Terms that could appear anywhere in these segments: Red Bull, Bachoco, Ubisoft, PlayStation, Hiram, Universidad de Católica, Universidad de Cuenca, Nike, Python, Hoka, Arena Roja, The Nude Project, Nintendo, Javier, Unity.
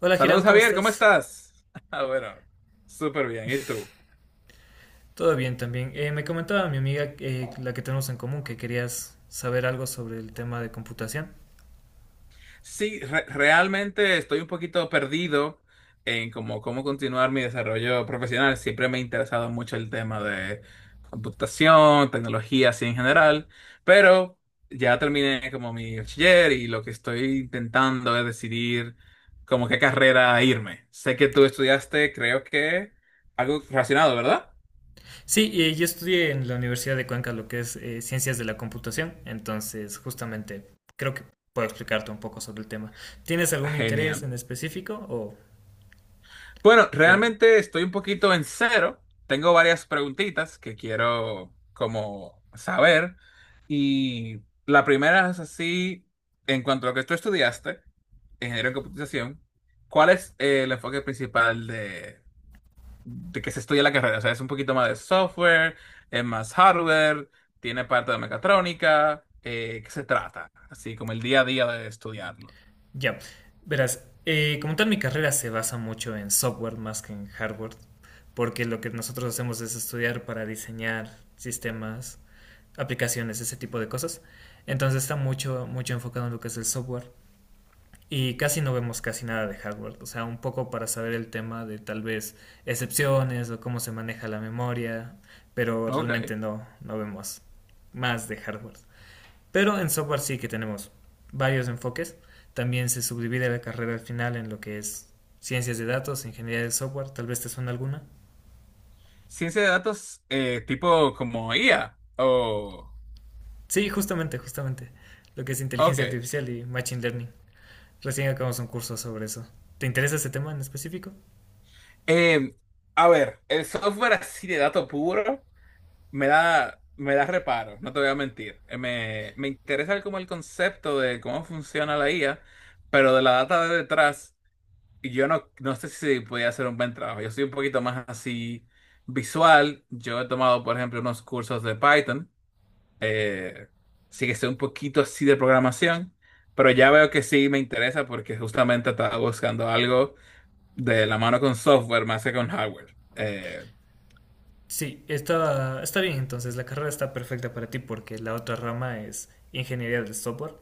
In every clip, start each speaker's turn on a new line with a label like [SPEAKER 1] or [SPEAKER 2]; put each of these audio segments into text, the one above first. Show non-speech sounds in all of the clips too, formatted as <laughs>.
[SPEAKER 1] Hola Hiram,
[SPEAKER 2] Saludos
[SPEAKER 1] ¿cómo
[SPEAKER 2] Javier, ¿cómo
[SPEAKER 1] estás?
[SPEAKER 2] estás? <laughs> Ah, bueno, súper bien. ¿Y tú?
[SPEAKER 1] Todo bien también. Me comentaba mi amiga, la que tenemos en común, que querías saber algo sobre el tema de computación.
[SPEAKER 2] Sí, realmente estoy un poquito perdido en cómo continuar mi desarrollo profesional. Siempre me ha interesado mucho el tema de computación, tecnología, así en general, pero ya terminé como mi bachiller y lo que estoy intentando es decidir como qué carrera irme. Sé que tú estudiaste, creo que algo relacionado, ¿verdad?
[SPEAKER 1] Sí, yo estudié en la Universidad de Cuenca lo que es ciencias de la computación, entonces justamente creo que puedo explicarte un poco sobre el tema. ¿Tienes algún
[SPEAKER 2] <laughs>
[SPEAKER 1] interés
[SPEAKER 2] Genial.
[SPEAKER 1] en específico o
[SPEAKER 2] Bueno,
[SPEAKER 1] eh,
[SPEAKER 2] realmente estoy un poquito en cero. Tengo varias preguntitas que quiero como saber. Y la primera es así, en cuanto a lo que tú estudiaste, ingeniero en computación, ¿cuál es el enfoque principal de que se estudia la carrera? O sea, es un poquito más de software, es más hardware, tiene parte de mecatrónica, ¿qué se trata? Así como el día a día de estudiarlo.
[SPEAKER 1] ya, verás, como tal mi carrera se basa mucho en software más que en hardware, porque lo que nosotros hacemos es estudiar para diseñar sistemas, aplicaciones, ese tipo de cosas. Entonces está mucho enfocado en lo que es el software y casi no vemos casi nada de hardware. O sea, un poco para saber el tema de tal vez excepciones o cómo se maneja la memoria, pero
[SPEAKER 2] Ok.
[SPEAKER 1] realmente no vemos más de hardware. Pero en software sí que tenemos varios enfoques. También se subdivide la carrera al final en lo que es ciencias de datos, ingeniería de software, tal vez te suena alguna.
[SPEAKER 2] Ciencia de datos tipo como IA o.
[SPEAKER 1] Sí, justamente, justamente. Lo que es inteligencia
[SPEAKER 2] Ok.
[SPEAKER 1] artificial y machine learning. Recién acabamos un curso sobre eso. ¿Te interesa ese tema en específico?
[SPEAKER 2] Eh, a ver, el software así de dato puro me da reparo, no te voy a mentir. Me interesa como el concepto de cómo funciona la IA, pero de la data de detrás, yo no sé si podía hacer un buen trabajo. Yo soy un poquito más así visual. Yo he tomado, por ejemplo, unos cursos de Python. Eh, sí que sé un poquito así de programación, pero ya veo que sí me interesa porque justamente estaba buscando algo de la mano con software más que con hardware.
[SPEAKER 1] Sí, está bien, entonces la carrera está perfecta para ti porque la otra rama es ingeniería del software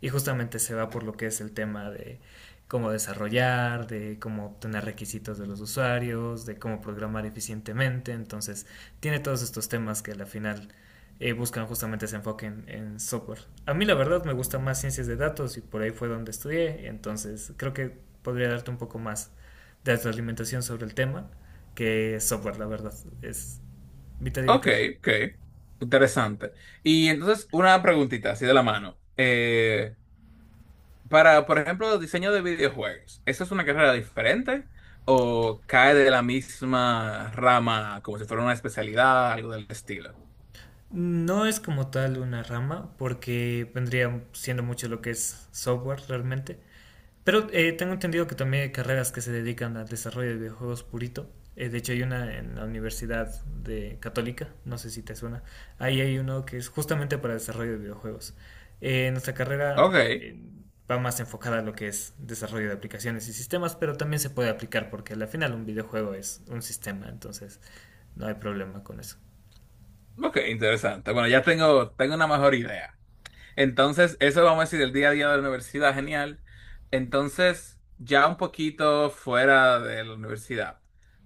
[SPEAKER 1] y justamente se va por lo que es el tema de cómo desarrollar, de cómo obtener requisitos de los usuarios, de cómo programar eficientemente, entonces tiene todos estos temas que a la final buscan justamente ese enfoque en software. A mí la verdad me gusta más ciencias de datos y por ahí fue donde estudié, entonces creo que podría darte un poco más de alimentación sobre el tema que software, la verdad. Es mitad y
[SPEAKER 2] Ok,
[SPEAKER 1] mitad.
[SPEAKER 2] ok, interesante. Y entonces, una preguntita así de la mano. Para, por ejemplo, diseño de videojuegos, ¿esa es una carrera diferente o cae de la misma rama como si fuera una especialidad, algo del estilo?
[SPEAKER 1] No es como tal una rama, porque vendría siendo mucho lo que es software realmente, pero tengo entendido que también hay carreras que se dedican al desarrollo de videojuegos purito. De hecho, hay una en la Universidad de Católica, no sé si te suena. Ahí hay uno que es justamente para desarrollo de videojuegos. Nuestra carrera
[SPEAKER 2] Ok,
[SPEAKER 1] eh, va más enfocada a lo que es desarrollo de aplicaciones y sistemas, pero también se puede aplicar porque al final un videojuego es un sistema, entonces no hay problema con eso.
[SPEAKER 2] ok, interesante. Bueno, ya tengo una mejor idea. Entonces, eso vamos a decir, el día a día de la universidad, genial. Entonces, ya un poquito fuera de la universidad,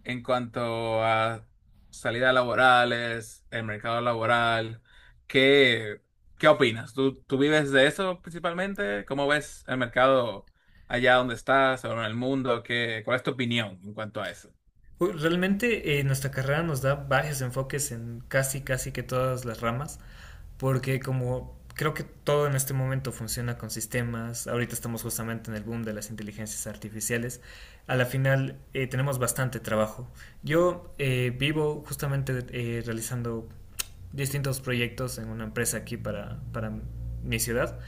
[SPEAKER 2] en cuanto a salidas laborales, el mercado laboral, ¿qué, qué opinas? ¿Tú vives de eso principalmente? ¿Cómo ves el mercado allá donde estás o en el mundo? ¿Cuál es tu opinión en cuanto a eso?
[SPEAKER 1] Uy, realmente nuestra carrera nos da varios enfoques en casi, casi que todas las ramas, porque como creo que todo en este momento funciona con sistemas, ahorita estamos justamente en el boom de las inteligencias artificiales, a la final tenemos bastante trabajo. Yo vivo justamente realizando distintos proyectos en una empresa aquí para mi ciudad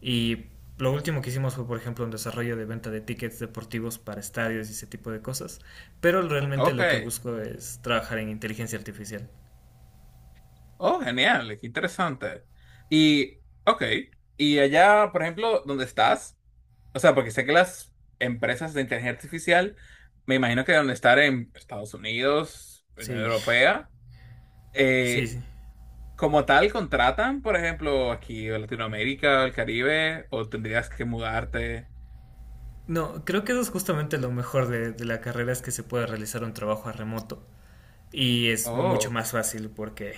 [SPEAKER 1] y lo último que hicimos fue, por ejemplo, un desarrollo de venta de tickets deportivos para estadios y ese tipo de cosas, pero realmente
[SPEAKER 2] Ok,
[SPEAKER 1] lo que busco es trabajar en inteligencia artificial.
[SPEAKER 2] oh, genial, qué interesante. Y, ok, allá, por ejemplo, ¿dónde estás? O sea, porque sé que las empresas de inteligencia artificial, me imagino que deben estar en Estados Unidos, Unión
[SPEAKER 1] Sí,
[SPEAKER 2] Europea,
[SPEAKER 1] sí,
[SPEAKER 2] eh,
[SPEAKER 1] sí.
[SPEAKER 2] como tal, contratan, por ejemplo, aquí en Latinoamérica, el Caribe, o tendrías que mudarte.
[SPEAKER 1] No, creo que eso es justamente lo mejor de la carrera, es que se puede realizar un trabajo a remoto y es mucho
[SPEAKER 2] Oh,
[SPEAKER 1] más fácil porque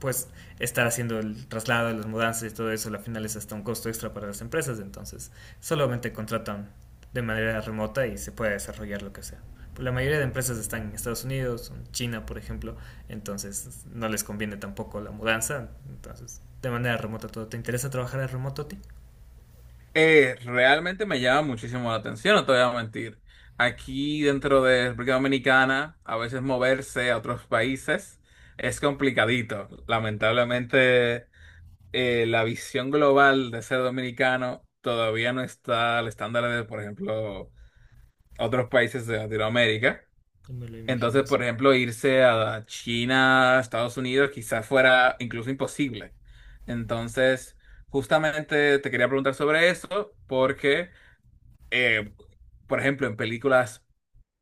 [SPEAKER 1] pues estar haciendo el traslado, las mudanzas y todo eso, al final es hasta un costo extra para las empresas, entonces solamente contratan de manera remota y se puede desarrollar lo que sea. La mayoría de empresas están en Estados Unidos, en China, por ejemplo, entonces no les conviene tampoco la mudanza, entonces de manera remota todo. ¿Te interesa trabajar a remoto a ti?
[SPEAKER 2] eh, realmente me llama muchísimo la atención, no te voy a mentir. Aquí dentro de República Dominicana, a veces moverse a otros países es complicadito. Lamentablemente. La visión global de ser dominicano todavía no está al estándar de, por ejemplo, otros países de Latinoamérica.
[SPEAKER 1] Yo me lo imagino
[SPEAKER 2] Entonces,
[SPEAKER 1] así.
[SPEAKER 2] por ejemplo, irse a China, Estados Unidos, quizás fuera incluso imposible. Entonces, justamente te quería preguntar sobre eso porque, eh, por ejemplo, en películas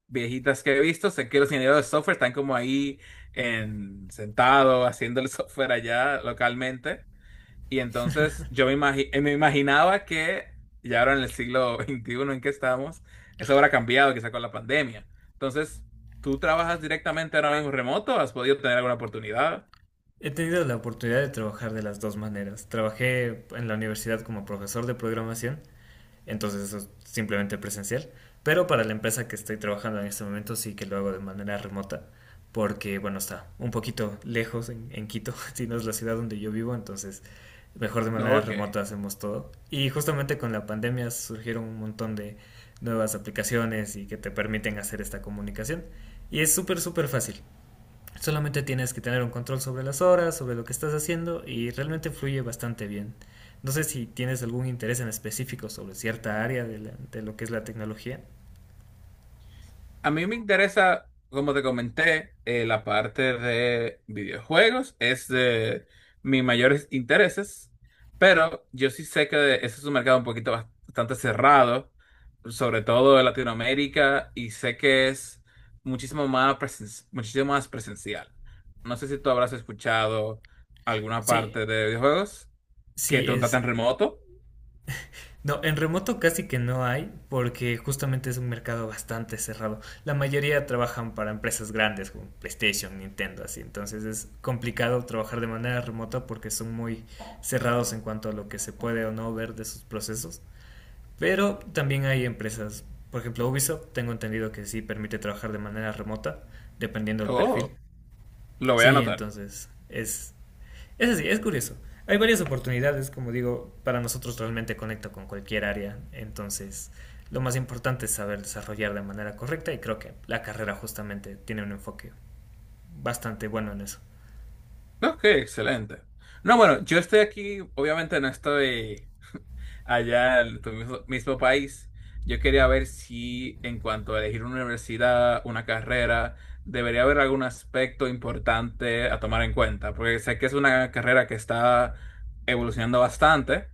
[SPEAKER 2] viejitas que he visto, sé que los ingenieros de software están como ahí sentados haciendo el <laughs> software allá localmente. Y entonces yo me imaginaba que ya ahora en el siglo <laughs> XXI en que estamos, eso habrá cambiado quizá con la pandemia. Entonces, ¿tú trabajas directamente ahora mismo remoto? ¿Has podido tener alguna oportunidad?
[SPEAKER 1] He tenido la oportunidad de trabajar de las dos maneras. Trabajé en la universidad como profesor de programación, entonces eso es simplemente presencial, pero para la empresa que estoy trabajando en este momento sí que lo hago de manera remota, porque bueno, está un poquito lejos en Quito, <laughs> si no es la ciudad donde yo vivo, entonces mejor de
[SPEAKER 2] No,
[SPEAKER 1] manera
[SPEAKER 2] ok.
[SPEAKER 1] remota hacemos todo. Y justamente con la pandemia surgieron un montón de nuevas aplicaciones y que te permiten hacer esta comunicación. Y es súper fácil. Solamente tienes que tener un control sobre las horas, sobre lo que estás haciendo y realmente fluye bastante bien. No sé si tienes algún interés en específico sobre cierta área de lo que es la tecnología.
[SPEAKER 2] A mí me interesa, como te comenté, la parte de videojuegos, es de mis mayores intereses, pero yo sí sé que ese es un mercado un poquito bastante cerrado, sobre todo en Latinoamérica, y sé que es muchísimo más presencial. No sé si tú habrás escuchado alguna
[SPEAKER 1] Sí,
[SPEAKER 2] parte de videojuegos que te
[SPEAKER 1] sí,
[SPEAKER 2] contratan remoto.
[SPEAKER 1] no, en remoto casi que no hay porque justamente es un mercado bastante cerrado. La mayoría trabajan para empresas grandes como PlayStation, Nintendo, así. Entonces es complicado trabajar de manera remota porque son muy cerrados en cuanto a lo que se puede o no ver de sus procesos. Pero también hay empresas, por ejemplo Ubisoft, tengo entendido que sí permite trabajar de manera remota, dependiendo del perfil.
[SPEAKER 2] Oh, lo voy a
[SPEAKER 1] Sí,
[SPEAKER 2] anotar.
[SPEAKER 1] entonces es así, es curioso. Hay varias oportunidades, como digo, para nosotros realmente conecta con cualquier área, entonces lo más importante es saber desarrollar de manera correcta y creo que la carrera justamente tiene un enfoque bastante bueno en eso.
[SPEAKER 2] Ok, excelente. No, bueno, yo estoy aquí, obviamente no estoy, allá en tu mismo país, yo quería ver si en cuanto a elegir una universidad, una carrera, debería haber algún aspecto importante a tomar en cuenta, porque sé que es una carrera que está evolucionando bastante.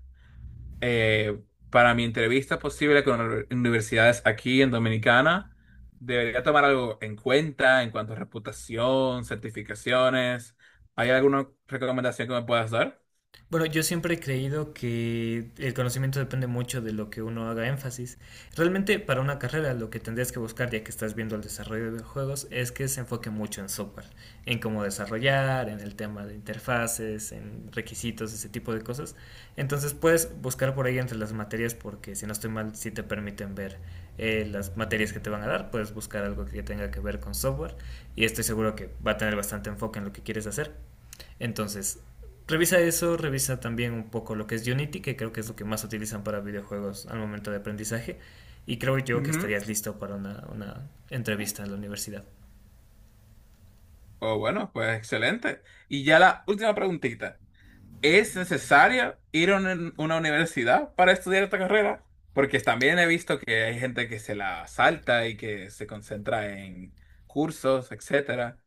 [SPEAKER 2] Eh, para mi entrevista posible con universidades aquí en Dominicana, debería tomar algo en cuenta en cuanto a reputación, certificaciones. ¿Hay alguna recomendación que me puedas dar?
[SPEAKER 1] Bueno, yo siempre he creído que el conocimiento depende mucho de lo que uno haga énfasis. Realmente para una carrera lo que tendrías que buscar, ya que estás viendo el desarrollo de juegos, es que se enfoque mucho en software, en cómo desarrollar, en el tema de interfaces, en requisitos, ese tipo de cosas. Entonces puedes buscar por ahí entre las materias porque si no estoy mal, si te permiten ver las materias que te van a dar, puedes buscar algo que tenga que ver con software y estoy seguro que va a tener bastante enfoque en lo que quieres hacer. Entonces, revisa eso, revisa también un poco lo que es Unity, que creo que es lo que más utilizan para videojuegos al momento de aprendizaje. Y creo yo que estarías listo para una entrevista en la universidad.
[SPEAKER 2] Oh, bueno, pues excelente. Y ya la última preguntita. ¿Es necesario ir a una universidad para estudiar esta carrera? Porque también he visto que hay gente que se la salta y que se concentra en cursos, etcétera.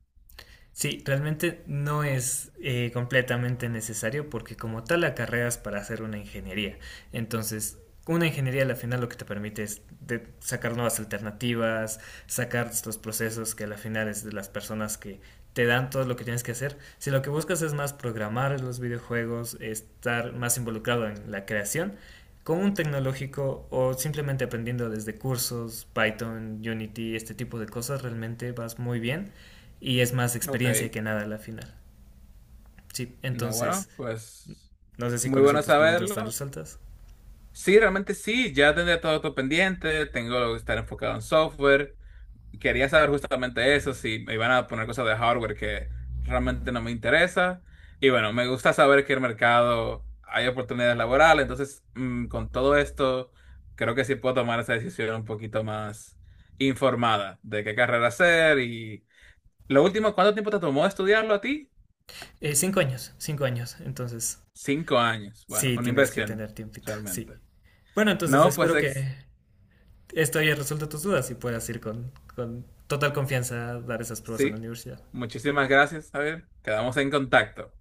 [SPEAKER 1] Sí, realmente no es completamente necesario porque como tal acarreas para hacer una ingeniería. Entonces, una ingeniería al final lo que te permite es sacar nuevas alternativas, sacar estos procesos que al final es de las personas que te dan todo lo que tienes que hacer. Si lo que buscas es más programar los videojuegos, estar más involucrado en la creación, con un tecnológico o simplemente aprendiendo desde cursos, Python, Unity, este tipo de cosas, realmente vas muy bien y es más
[SPEAKER 2] Ok,
[SPEAKER 1] experiencia que nada la final. Sí,
[SPEAKER 2] no, bueno,
[SPEAKER 1] entonces,
[SPEAKER 2] pues
[SPEAKER 1] no sé si
[SPEAKER 2] muy
[SPEAKER 1] con eso
[SPEAKER 2] bueno
[SPEAKER 1] tus preguntas están
[SPEAKER 2] saberlo.
[SPEAKER 1] resueltas.
[SPEAKER 2] Sí, realmente sí, ya tendré todo esto pendiente, tengo que estar enfocado en software, quería saber justamente eso, si me iban a poner cosas de hardware que realmente no me interesa. Y bueno, me gusta saber que el mercado hay oportunidades laborales, entonces con todo esto creo que sí puedo tomar esa decisión un poquito más informada de qué carrera hacer. Y lo último, ¿cuánto tiempo te tomó estudiarlo a ti?
[SPEAKER 1] 5 años, 5 años, entonces
[SPEAKER 2] 5 años. Bueno,
[SPEAKER 1] sí
[SPEAKER 2] una
[SPEAKER 1] tienes que
[SPEAKER 2] inversión,
[SPEAKER 1] tener tiempito, sí.
[SPEAKER 2] realmente.
[SPEAKER 1] Bueno, entonces
[SPEAKER 2] No, pues
[SPEAKER 1] espero que esto haya resuelto tus dudas y puedas ir con total confianza a dar esas pruebas en la
[SPEAKER 2] sí,
[SPEAKER 1] universidad.
[SPEAKER 2] muchísimas gracias, Javier. Quedamos en contacto.